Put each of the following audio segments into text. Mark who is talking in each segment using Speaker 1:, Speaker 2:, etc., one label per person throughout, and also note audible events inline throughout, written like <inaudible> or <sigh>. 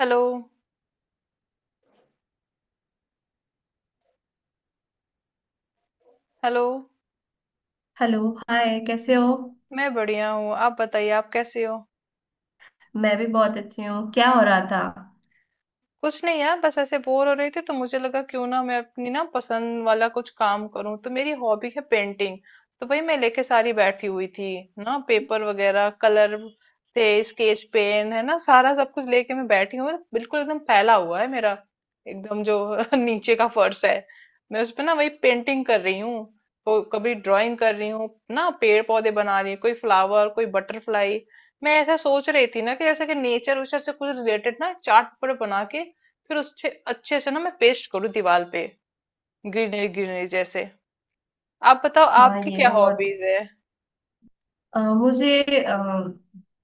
Speaker 1: Hello. Hello.
Speaker 2: Hello. Hi, कैसे हो?
Speaker 1: मैं बढ़िया हूँ। आप बताइए आप कैसे हो?
Speaker 2: मैं भी बहुत अच्छी हूँ। क्या हो रहा था?
Speaker 1: कुछ नहीं यार बस ऐसे बोर हो रही थी तो मुझे लगा क्यों ना मैं अपनी ना पसंद वाला कुछ काम करूं। तो मेरी हॉबी है पेंटिंग। तो वही मैं लेके सारी बैठी हुई थी ना, पेपर वगैरह कलर थे, स्केच पेन है ना, सारा सब कुछ लेके मैं बैठी हूँ। बिल्कुल एकदम फैला हुआ है मेरा एकदम जो <laughs> नीचे का फर्श है, मैं उस पे ना वही पेंटिंग कर रही हूँ। तो कभी ड्राइंग कर रही हूँ ना, पेड़ पौधे बना रही हूँ, कोई फ्लावर कोई बटरफ्लाई। मैं ऐसा सोच रही थी ना कि जैसे कि नेचर उचर से कुछ रिलेटेड ना चार्ट पर बना के फिर उससे अच्छे से ना मैं पेस्ट करूँ दीवार पे, ग्रीनरी ग्रीनरी जैसे। आप बताओ
Speaker 2: हाँ,
Speaker 1: आपकी
Speaker 2: ये
Speaker 1: क्या
Speaker 2: तो बहुत।
Speaker 1: हॉबीज है?
Speaker 2: मुझे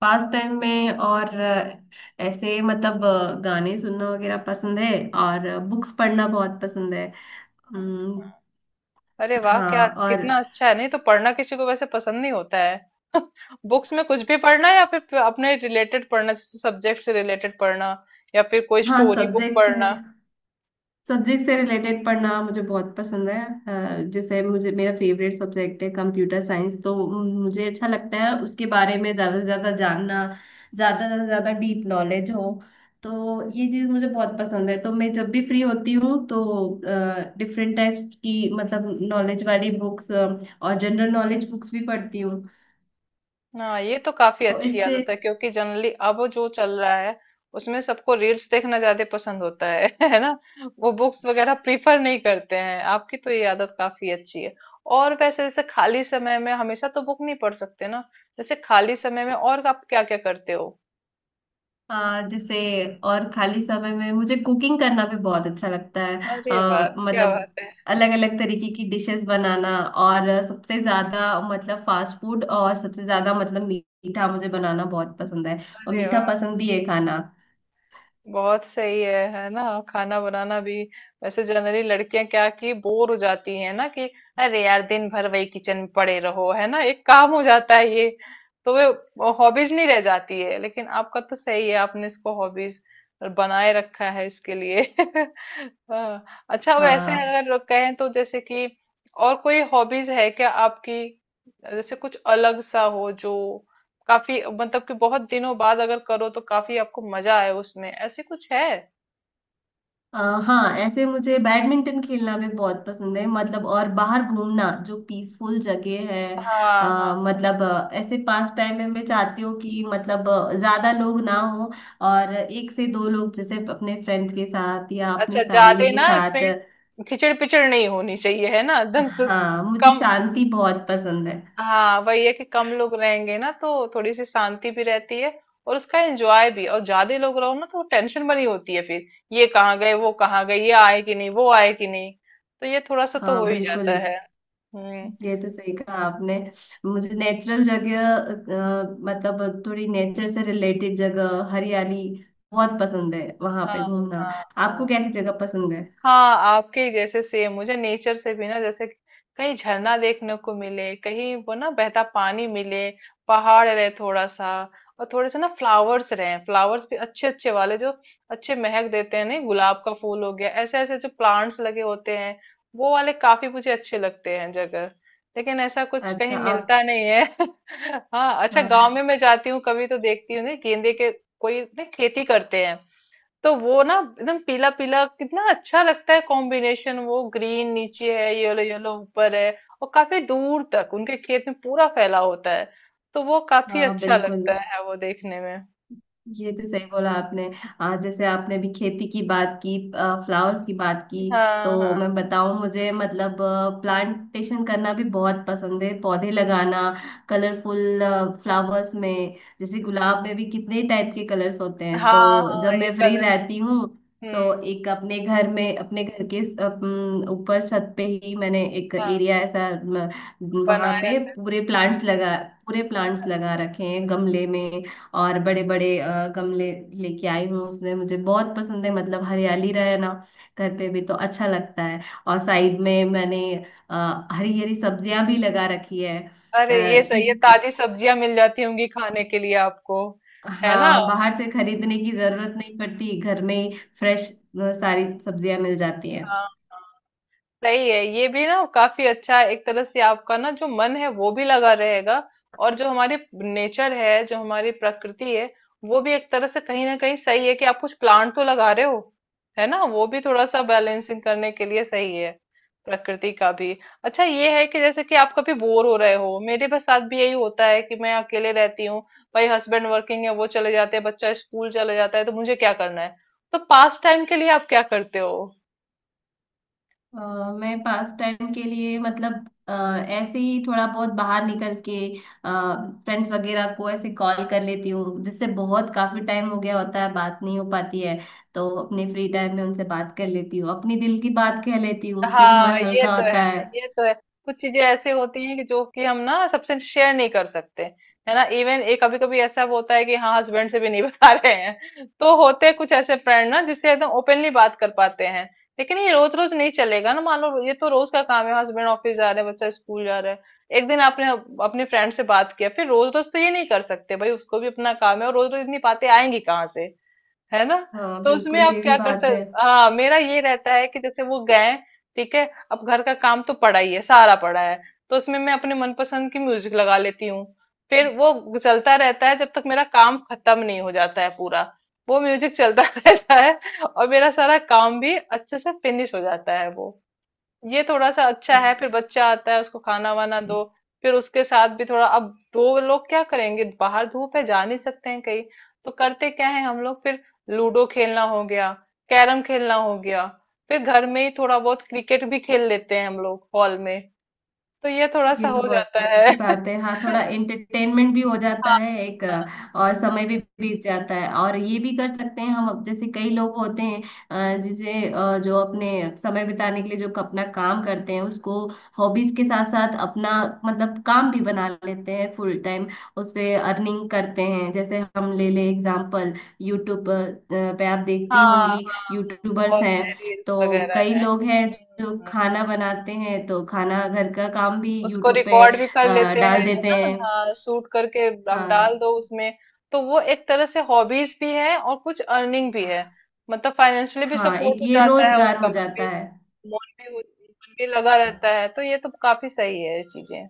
Speaker 2: पास टाइम में और ऐसे मतलब गाने सुनना वगैरह पसंद है। और बुक्स पढ़ना बहुत पसंद है। अम्म,
Speaker 1: अरे वाह, क्या
Speaker 2: हाँ। और
Speaker 1: कितना अच्छा है, नहीं तो पढ़ना किसी को वैसे पसंद नहीं होता है। <laughs> बुक्स में कुछ भी पढ़ना या फिर अपने रिलेटेड पढ़ना, जैसे सब्जेक्ट से रिलेटेड पढ़ना या फिर कोई
Speaker 2: हाँ,
Speaker 1: स्टोरी बुक
Speaker 2: सब्जेक्ट्स है।
Speaker 1: पढ़ना।
Speaker 2: सब्जेक्ट से रिलेटेड पढ़ना मुझे बहुत पसंद है। जैसे मुझे मेरा फेवरेट सब्जेक्ट है कंप्यूटर साइंस। तो मुझे अच्छा लगता है उसके बारे में ज़्यादा से ज़्यादा जानना, ज़्यादा से ज़्यादा डीप नॉलेज हो। तो ये चीज़ मुझे बहुत पसंद है। तो मैं जब भी फ्री होती हूँ तो डिफरेंट टाइप्स की मतलब नॉलेज वाली बुक्स और जनरल नॉलेज बुक्स भी पढ़ती हूँ।
Speaker 1: हाँ ये तो काफी
Speaker 2: तो
Speaker 1: अच्छी
Speaker 2: इससे।
Speaker 1: आदत है, क्योंकि जनरली अब जो चल रहा है उसमें सबको रील्स देखना ज्यादा पसंद होता है <laughs> है ना। वो बुक्स वगैरह प्रीफर नहीं करते हैं, आपकी तो ये आदत काफी अच्छी है। और वैसे जैसे खाली समय में हमेशा तो बुक नहीं पढ़ सकते ना। जैसे खाली समय में और आप क्या क्या करते हो?
Speaker 2: हाँ, जैसे। और खाली समय में मुझे कुकिंग करना भी बहुत अच्छा लगता है।
Speaker 1: अरे वाह क्या
Speaker 2: मतलब
Speaker 1: बात है।
Speaker 2: अलग अलग तरीके की डिशेस बनाना। और सबसे ज्यादा मतलब फास्ट फूड, और सबसे ज्यादा मतलब मीठा मुझे बनाना बहुत पसंद है। और
Speaker 1: अरे
Speaker 2: मीठा
Speaker 1: वाह,
Speaker 2: पसंद भी है खाना।
Speaker 1: बहुत सही है ना, खाना बनाना भी। वैसे जनरली लड़कियां क्या कि बोर हो जाती हैं ना, कि अरे यार दिन भर वही किचन में पड़े रहो है ना, एक काम हो जाता है ये। तो वे हॉबीज नहीं रह जाती है, लेकिन आपका तो सही है, आपने इसको हॉबीज बनाए रखा है इसके लिए <laughs> हाँ। अच्छा वैसे
Speaker 2: हाँ।
Speaker 1: अगर कहें तो जैसे कि और कोई हॉबीज है क्या आपकी? जैसे कुछ अलग सा हो जो काफी मतलब कि बहुत दिनों बाद अगर करो तो काफी आपको मजा आए उसमें, ऐसे कुछ है?
Speaker 2: अ, हाँ, ऐसे मुझे बैडमिंटन खेलना भी बहुत पसंद है, मतलब। और बाहर घूमना जो पीसफुल जगह है।
Speaker 1: हाँ हाँ।
Speaker 2: मतलब ऐसे पास टाइम में मैं चाहती हूँ कि मतलब ज्यादा लोग ना हो, और एक से दो लोग, जैसे अपने फ्रेंड्स के साथ या अपनी
Speaker 1: अच्छा ज्यादा
Speaker 2: फैमिली के
Speaker 1: ना
Speaker 2: साथ।
Speaker 1: उसमें खिचड़ पिचड़ नहीं होनी चाहिए है ना <laughs> एकदम से।
Speaker 2: हाँ, मुझे
Speaker 1: कम,
Speaker 2: शांति बहुत पसंद है।
Speaker 1: हाँ वही है कि कम लोग रहेंगे ना तो थोड़ी सी शांति भी रहती है और उसका एंजॉय भी। और ज्यादा लोग रहो ना तो टेंशन बनी होती है फिर, ये कहाँ गए वो कहाँ गए, ये आए कि नहीं वो आए कि नहीं, तो ये थोड़ा सा तो
Speaker 2: हाँ
Speaker 1: हो ही
Speaker 2: बिल्कुल।
Speaker 1: जाता है। हम्म।
Speaker 2: ये तो सही कहा आपने। मुझे नेचुरल जगह, मतलब थोड़ी नेचर से रिलेटेड जगह, हरियाली बहुत पसंद है वहां
Speaker 1: हाँ
Speaker 2: पे घूमना।
Speaker 1: हाँ।
Speaker 2: आपको
Speaker 1: हाँ
Speaker 2: कैसी जगह पसंद है?
Speaker 1: हाँ, आपके ही जैसे सेम मुझे नेचर से भी ना, जैसे कहीं झरना देखने को मिले, कहीं वो ना बहता पानी मिले, पहाड़ रहे थोड़ा सा। और थोड़े से ना फ्लावर्स रहे, फ्लावर्स भी अच्छे अच्छे वाले जो अच्छे महक देते हैं। नहीं, गुलाब का फूल हो गया, ऐसे ऐसे जो प्लांट्स लगे होते हैं वो वाले काफी मुझे अच्छे लगते हैं जगह। लेकिन ऐसा कुछ
Speaker 2: अच्छा
Speaker 1: कहीं
Speaker 2: आप।
Speaker 1: मिलता नहीं है <laughs> हाँ अच्छा, गांव में
Speaker 2: हाँ।
Speaker 1: मैं जाती हूँ कभी तो देखती हूँ ना गेंदे के, कोई ना खेती करते हैं तो वो ना एकदम पीला पीला, कितना अच्छा लगता है कॉम्बिनेशन, वो ग्रीन नीचे है येलो येलो ऊपर है। और काफी दूर तक उनके खेत में पूरा फैला होता है, तो वो काफी
Speaker 2: हाँ
Speaker 1: अच्छा
Speaker 2: बिल्कुल।
Speaker 1: लगता है वो देखने में।
Speaker 2: ये तो सही बोला आपने। आज जैसे आपने भी खेती की बात की, फ्लावर्स की बात की, तो
Speaker 1: हाँ हाँ।
Speaker 2: मैं बताऊं मुझे मतलब प्लांटेशन करना भी बहुत पसंद है, पौधे लगाना। कलरफुल फ्लावर्स में जैसे गुलाब में भी कितने टाइप के कलर्स होते हैं। तो
Speaker 1: हाँ हाँ
Speaker 2: जब
Speaker 1: ये
Speaker 2: मैं फ्री
Speaker 1: कलर।
Speaker 2: रहती हूँ तो
Speaker 1: हम्म।
Speaker 2: एक अपने घर में, अपने घर के अपन ऊपर छत पे ही मैंने एक
Speaker 1: हाँ
Speaker 2: एरिया ऐसा। वहां
Speaker 1: बनाया।
Speaker 2: पे पूरे प्लांट्स लगा रखे हैं गमले में। और बड़े बड़े गमले लेके आई हूँ। उसमें मुझे बहुत पसंद है, मतलब हरियाली रहे ना, घर पे भी तो अच्छा लगता है। और साइड में मैंने हरी हरी सब्जियां भी लगा रखी है।
Speaker 1: अरे ये सही है,
Speaker 2: कि
Speaker 1: ताजी सब्जियां मिल जाती होंगी खाने के लिए आपको, है ना।
Speaker 2: हाँ,
Speaker 1: हाँ
Speaker 2: बाहर से खरीदने की जरूरत नहीं पड़ती, घर में ही फ्रेश सारी सब्जियां मिल जाती हैं।
Speaker 1: हाँ। सही है ये भी ना, काफी अच्छा है एक तरह से, आपका ना जो मन है वो भी लगा रहेगा। और जो हमारे नेचर है, जो हमारी प्रकृति है, वो भी एक तरह से कहीं ना कहीं सही है कि आप कुछ प्लांट तो लगा रहे हो है ना, वो भी थोड़ा सा बैलेंसिंग करने के लिए सही है प्रकृति का भी। अच्छा ये है कि जैसे कि आप कभी बोर हो रहे हो, मेरे बस साथ भी यही होता है कि मैं अकेले रहती हूँ भाई, हस्बैंड वर्किंग है वो चले जाते हैं, बच्चा स्कूल चले जाता है, तो मुझे क्या करना है। तो पास टाइम के लिए आप क्या करते हो?
Speaker 2: अ, मैं पास टाइम के लिए, मतलब ऐसे ही थोड़ा बहुत बाहर निकल के फ्रेंड्स वगैरह को ऐसे कॉल कर लेती हूँ, जिससे बहुत काफी टाइम हो गया होता है बात नहीं हो पाती है। तो अपने फ्री टाइम में उनसे बात कर लेती हूँ, अपनी दिल की बात कह लेती हूँ, उससे भी
Speaker 1: हाँ
Speaker 2: मन
Speaker 1: ये
Speaker 2: हल्का
Speaker 1: तो है।
Speaker 2: होता है।
Speaker 1: ये तो है। कुछ चीजें ऐसी होती हैं कि जो कि हम ना सबसे शेयर नहीं कर सकते है ना। इवन एक कभी कभी ऐसा होता है कि हाँ हस्बैंड से भी नहीं <laughs> बता रहे हैं, तो होते कुछ ऐसे फ्रेंड ना जिससे एकदम ओपनली बात कर पाते हैं। लेकिन ये रोज रोज नहीं चलेगा ना, मान लो, ये तो रोज का काम है, हस्बैंड ऑफिस जा रहे हैं, बच्चा स्कूल जा रहा है। एक दिन आपने अपने फ्रेंड से बात किया, फिर रोज रोज तो ये नहीं कर सकते भाई, उसको भी अपना काम है, और रोज रोज इतनी बातें आएंगी कहाँ से, है ना।
Speaker 2: हाँ
Speaker 1: तो उसमें
Speaker 2: बिल्कुल,
Speaker 1: आप
Speaker 2: ये भी
Speaker 1: क्या कर
Speaker 2: बात
Speaker 1: सकते। हाँ, मेरा ये रहता है कि जैसे वो गए, ठीक है, अब घर का काम तो पड़ा ही है, सारा पड़ा है, तो उसमें मैं अपने मनपसंद की म्यूजिक लगा लेती हूँ। फिर वो चलता रहता है जब तक मेरा काम खत्म नहीं हो जाता है पूरा, वो म्यूजिक चलता <laughs> रहता है, और मेरा सारा काम भी अच्छे से फिनिश हो जाता है वो। ये थोड़ा सा अच्छा है। फिर बच्चा आता है, उसको खाना वाना
Speaker 2: है।
Speaker 1: दो, फिर उसके साथ भी थोड़ा, अब दो लोग क्या करेंगे, बाहर धूप है जा नहीं सकते हैं कहीं, तो करते क्या है हम लोग फिर, लूडो खेलना हो गया, कैरम खेलना हो गया, फिर घर में ही थोड़ा बहुत क्रिकेट भी खेल लेते हैं हम लोग हॉल में, तो ये थोड़ा
Speaker 2: ये
Speaker 1: सा हो
Speaker 2: तो
Speaker 1: जाता
Speaker 2: बहुत अच्छी
Speaker 1: है
Speaker 2: बात है, हाँ। थोड़ा
Speaker 1: <laughs>
Speaker 2: एंटरटेनमेंट भी हो जाता है एक। और समय भी बीत जाता है, और ये भी कर सकते हैं हम। अब जैसे कई लोग होते हैं जिसे जो अपने समय बिताने के लिए, जो अपना काम करते हैं उसको हॉबीज के साथ साथ अपना मतलब काम भी बना लेते हैं फुल टाइम, उससे अर्निंग करते हैं। जैसे हम ले ले एग्जाम्पल, यूट्यूब पे आप देखती
Speaker 1: हाँ
Speaker 2: होंगी
Speaker 1: हाँ।
Speaker 2: यूट्यूबर्स
Speaker 1: बहुत से
Speaker 2: हैं।
Speaker 1: रील्स
Speaker 2: तो
Speaker 1: वगैरह
Speaker 2: कई
Speaker 1: है।
Speaker 2: लोग हैं जो खाना बनाते हैं, तो खाना घर का काम भी
Speaker 1: उसको
Speaker 2: यूट्यूब पे
Speaker 1: रिकॉर्ड भी कर लेते हैं
Speaker 2: डाल
Speaker 1: है
Speaker 2: देते
Speaker 1: ना।
Speaker 2: हैं।
Speaker 1: हाँ, शूट करके आप डाल दो
Speaker 2: हाँ
Speaker 1: उसमें, तो वो एक तरह से हॉबीज भी है और कुछ अर्निंग भी है, मतलब फाइनेंशियली भी
Speaker 2: हाँ, एक
Speaker 1: सपोर्ट हो
Speaker 2: ये
Speaker 1: जाता है,
Speaker 2: रोजगार
Speaker 1: उनका
Speaker 2: हो
Speaker 1: मन भी
Speaker 2: जाता है।
Speaker 1: मन भी लगा रहता है। तो ये तो काफी सही है ये चीजें।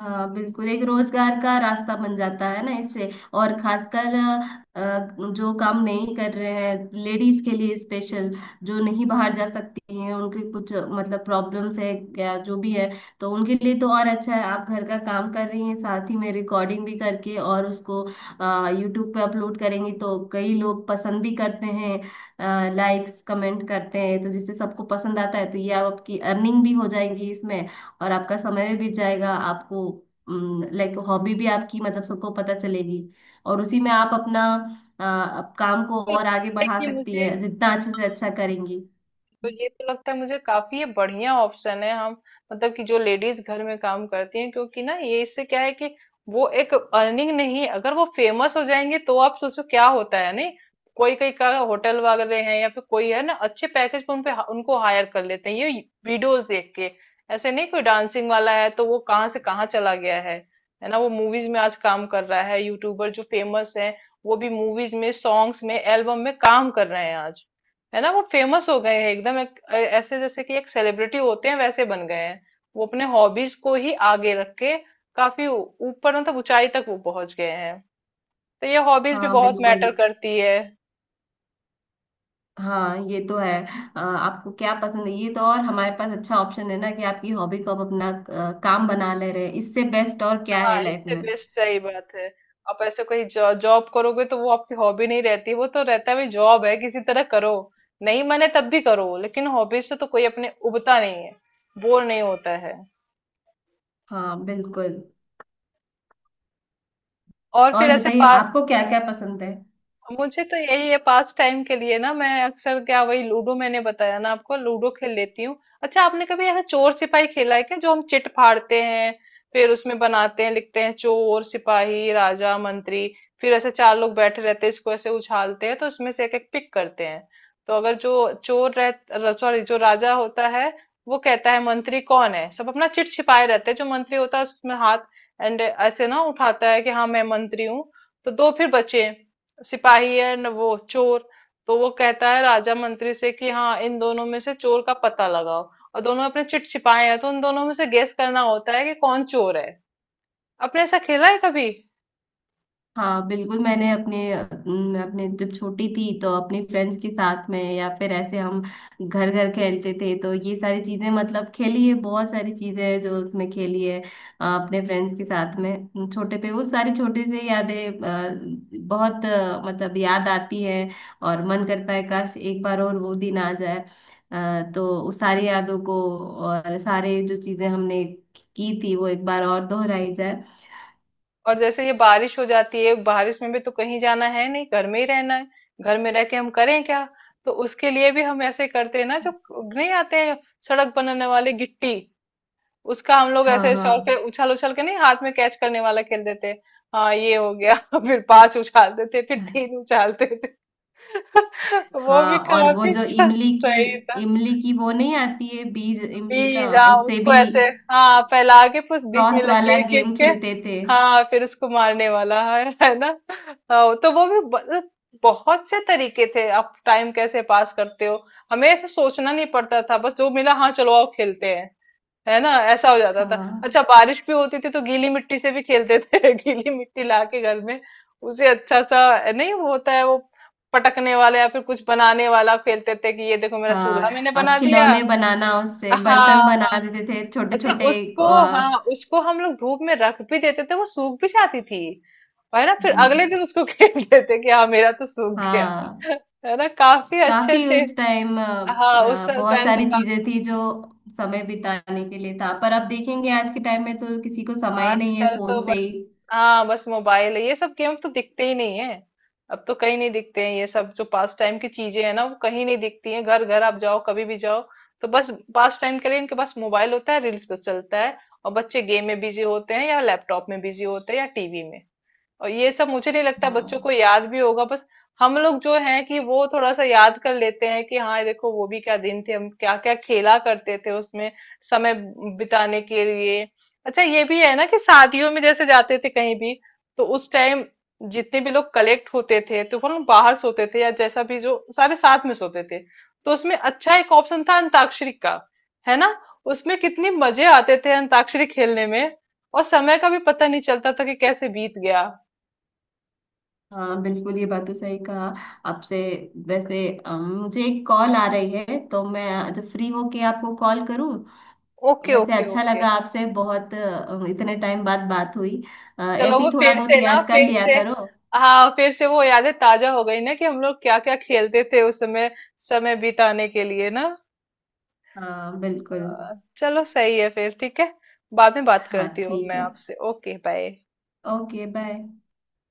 Speaker 2: हाँ बिल्कुल, एक रोजगार का रास्ता बन जाता है ना इससे। और खासकर जो काम नहीं कर रहे हैं लेडीज के लिए स्पेशल, जो नहीं बाहर जा सकती हैं, उनके कुछ मतलब प्रॉब्लम्स है क्या, जो भी है, तो उनके लिए तो और अच्छा है। आप घर का काम कर रही हैं, साथ ही में रिकॉर्डिंग भी करके, और उसको यूट्यूब पे अपलोड करेंगी, तो कई लोग पसंद भी करते हैं, लाइक्स कमेंट करते हैं, तो जिससे सबको पसंद आता है, तो ये आपकी अर्निंग भी हो जाएगी इसमें। और आपका समय भी बीत जाएगा, आपको लाइक हॉबी भी आपकी मतलब सबको पता चलेगी। और उसी में आप अपना अ, काम को
Speaker 1: तो
Speaker 2: और आगे
Speaker 1: लगता है
Speaker 2: बढ़ा
Speaker 1: कि
Speaker 2: सकती
Speaker 1: मुझे,
Speaker 2: है, जितना अच्छे से अच्छा करेंगी।
Speaker 1: तो ये तो लगता है मुझे काफी ये बढ़िया ऑप्शन है हम, मतलब कि जो लेडीज घर में काम करती हैं, क्योंकि ना ये इससे क्या है कि वो एक अर्निंग नहीं है, अगर वो फेमस हो जाएंगे तो आप सोचो क्या होता है। नहीं, कोई कोई का होटल वगैरह है या फिर कोई है ना, अच्छे पैकेज पर उनपे उनको हायर कर लेते हैं ये वीडियोस देख के। ऐसे नहीं, कोई डांसिंग वाला है तो वो कहाँ से कहाँ चला गया है ना, वो मूवीज में आज काम कर रहा है। यूट्यूबर जो फेमस है वो भी मूवीज में, सॉन्ग्स में, एल्बम में काम कर रहे हैं आज, है ना। वो फेमस हो गए हैं एकदम, ऐसे जैसे कि एक सेलिब्रिटी होते हैं वैसे बन गए हैं। वो अपने हॉबीज को ही आगे रख के काफी ऊपर मतलब ऊंचाई तक वो पहुंच गए हैं। तो ये हॉबीज भी
Speaker 2: हाँ
Speaker 1: बहुत
Speaker 2: बिल्कुल।
Speaker 1: मैटर करती है।
Speaker 2: हाँ, ये तो है। आपको क्या पसंद है ये तो, और हमारे पास अच्छा ऑप्शन है ना कि आपकी हॉबी को आप अपना काम बना ले रहे हैं, इससे बेस्ट और क्या है
Speaker 1: हाँ,
Speaker 2: लाइफ
Speaker 1: इससे
Speaker 2: में।
Speaker 1: बेस्ट सही बात है। आप ऐसे कोई जॉब करोगे तो वो आपकी हॉबी नहीं रहती, वो तो रहता है भाई जॉब है किसी तरह करो। नहीं मने तब भी करो, लेकिन हॉबीज से तो कोई अपने उबता नहीं है, बोर नहीं होता है।
Speaker 2: हाँ बिल्कुल।
Speaker 1: और फिर
Speaker 2: और
Speaker 1: ऐसे
Speaker 2: बताइए आपको क्या क्या पसंद है?
Speaker 1: मुझे तो यही है पास टाइम के लिए ना, मैं अक्सर क्या, वही लूडो, मैंने बताया ना आपको, लूडो खेल लेती हूँ। अच्छा आपने कभी ऐसा चोर सिपाही खेला है क्या, जो हम चिट फाड़ते हैं फिर उसमें बनाते हैं, लिखते हैं चोर सिपाही राजा मंत्री। फिर ऐसे चार लोग बैठे रहते हैं, इसको ऐसे उछालते हैं तो उसमें से एक एक पिक करते हैं। तो अगर जो चोर रह सॉरी, जो राजा होता है वो कहता है मंत्री कौन है, सब अपना चिट छिपाए रहते हैं, जो मंत्री होता है उसमें हाथ एंड ऐसे ना उठाता है कि हाँ मैं मंत्री हूँ। तो दो फिर बचे, सिपाही है न वो चोर, तो वो कहता है राजा मंत्री से कि हाँ इन दोनों में से चोर का पता लगाओ, और दोनों अपने चिट छिपाए हैं, तो उन दोनों में से गेस करना होता है कि कौन चोर है। आपने ऐसा खेला है कभी?
Speaker 2: हाँ बिल्कुल, मैंने अपने अपने जब छोटी थी तो अपने फ्रेंड्स के साथ में, या फिर ऐसे हम घर घर खेलते थे, तो ये सारी चीजें मतलब खेली है। बहुत सारी चीजें हैं जो उसमें खेली है अपने फ्रेंड्स के साथ में। छोटे पे वो सारी छोटी सी यादें बहुत मतलब याद आती है, और मन करता है काश एक बार और वो दिन आ जाए। तो उस सारी यादों को और सारे जो चीजें हमने की थी वो एक बार और दोहराई जाए।
Speaker 1: और जैसे ये बारिश हो जाती है, बारिश में भी तो कहीं जाना है नहीं, घर में ही रहना है, घर में रह के हम करें क्या, तो उसके लिए भी हम ऐसे करते हैं ना, जो नहीं आते हैं सड़क बनाने वाले गिट्टी, उसका हम लोग ऐसे शौक है
Speaker 2: हाँ।
Speaker 1: उछल उछल के, नहीं, हाथ में कैच करने वाला खेल देते। हाँ ये हो गया <laughs> फिर पांच उछालते थे फिर
Speaker 2: हाँ।
Speaker 1: तीन उछालते थे। <laughs> वो भी
Speaker 2: हाँ। और वो
Speaker 1: काफी
Speaker 2: जो इमली की
Speaker 1: सही था।
Speaker 2: इमली की वो नहीं आती है, बीज इमली का,
Speaker 1: बीज, हाँ
Speaker 2: उससे
Speaker 1: उसको
Speaker 2: भी
Speaker 1: ऐसे, हाँ फैला के फिर बीच में
Speaker 2: क्रॉस वाला
Speaker 1: लकीर खींच
Speaker 2: गेम
Speaker 1: के,
Speaker 2: खेलते थे।
Speaker 1: हाँ फिर उसको मारने वाला है ना। हाँ, तो वो भी बहुत से तरीके थे, आप टाइम कैसे पास करते हो, हमें ऐसे सोचना नहीं पड़ता था, बस जो मिला हाँ चलो आओ खेलते हैं, है ना, ऐसा हो जाता था। अच्छा,
Speaker 2: हाँ।
Speaker 1: बारिश भी होती थी तो गीली मिट्टी से भी खेलते थे <laughs> गीली मिट्टी ला के घर में उसे अच्छा सा, नहीं वो होता है वो पटकने वाला या फिर कुछ बनाने वाला खेलते थे कि ये देखो मेरा
Speaker 2: हाँ
Speaker 1: चूल्हा मैंने बना दिया।
Speaker 2: खिलौने बनाना, उससे
Speaker 1: हाँ।
Speaker 2: बर्तन बना देते थे छोटे
Speaker 1: अच्छा
Speaker 2: छोटे।
Speaker 1: उसको, हाँ उसको हम लोग धूप में रख भी देते थे, वो सूख भी जाती थी, है ना, फिर अगले दिन उसको <laughs> खेलते थे कि हाँ मेरा तो सूख गया
Speaker 2: हाँ।
Speaker 1: <laughs> है ना, काफी अच्छे
Speaker 2: काफी
Speaker 1: अच्छे।
Speaker 2: उस टाइम
Speaker 1: हाँ उस
Speaker 2: बहुत
Speaker 1: टाइम तो
Speaker 2: सारी
Speaker 1: काफी।
Speaker 2: चीजें थी जो समय बिताने के लिए था, पर अब देखेंगे आज के टाइम में तो किसी को समय ही नहीं है,
Speaker 1: आजकल तो
Speaker 2: फोन से ही।
Speaker 1: हाँ बस मोबाइल है, ये सब गेम तो दिखते ही नहीं है। अब तो कहीं नहीं दिखते हैं ये सब, जो पास टाइम की चीजें है ना वो कहीं नहीं दिखती हैं, घर घर आप जाओ कभी भी जाओ, तो बस पास टाइम के लिए इनके पास मोबाइल होता है, रील्स पे चलता है। और बच्चे गेम में बिजी होते हैं या लैपटॉप में बिजी होते हैं या टीवी में। और ये सब मुझे नहीं लगता बच्चों को
Speaker 2: हाँ।
Speaker 1: याद भी होगा, बस हम लोग जो हैं कि वो थोड़ा सा याद कर लेते हैं कि हाँ देखो वो भी क्या दिन थे, हम क्या क्या खेला करते थे उसमें समय बिताने के लिए। अच्छा ये भी है ना कि शादियों में जैसे जाते थे कहीं भी, तो उस टाइम जितने भी लोग कलेक्ट होते थे तो वो लोग बाहर सोते थे, या जैसा भी, जो सारे साथ में सोते थे, तो उसमें अच्छा एक ऑप्शन था अंताक्षरी का, है ना। उसमें कितने मजे आते थे अंताक्षरी खेलने में, और समय का भी पता नहीं चलता था कि कैसे बीत गया।
Speaker 2: हाँ बिल्कुल, ये बात तो सही कहा आपसे। वैसे मुझे एक कॉल आ रही है, तो मैं जब फ्री हो के आपको कॉल करूँ।
Speaker 1: ओके
Speaker 2: वैसे
Speaker 1: ओके
Speaker 2: अच्छा
Speaker 1: ओके।
Speaker 2: लगा आपसे बहुत, इतने टाइम बाद बात हुई।
Speaker 1: चलो
Speaker 2: ऐसे
Speaker 1: वो
Speaker 2: ही थोड़ा
Speaker 1: फिर
Speaker 2: बहुत
Speaker 1: से ना
Speaker 2: याद कर
Speaker 1: फिर
Speaker 2: लिया
Speaker 1: से,
Speaker 2: करो।
Speaker 1: हाँ फिर से वो यादें ताजा हो गई ना कि हम लोग क्या क्या खेलते थे उस समय, समय बिताने के लिए ना।
Speaker 2: हाँ बिल्कुल।
Speaker 1: चलो सही है फिर, ठीक है, बाद में बात
Speaker 2: हाँ
Speaker 1: करती हूँ
Speaker 2: ठीक
Speaker 1: मैं
Speaker 2: है।
Speaker 1: आपसे। Okay bye.
Speaker 2: Okay bye.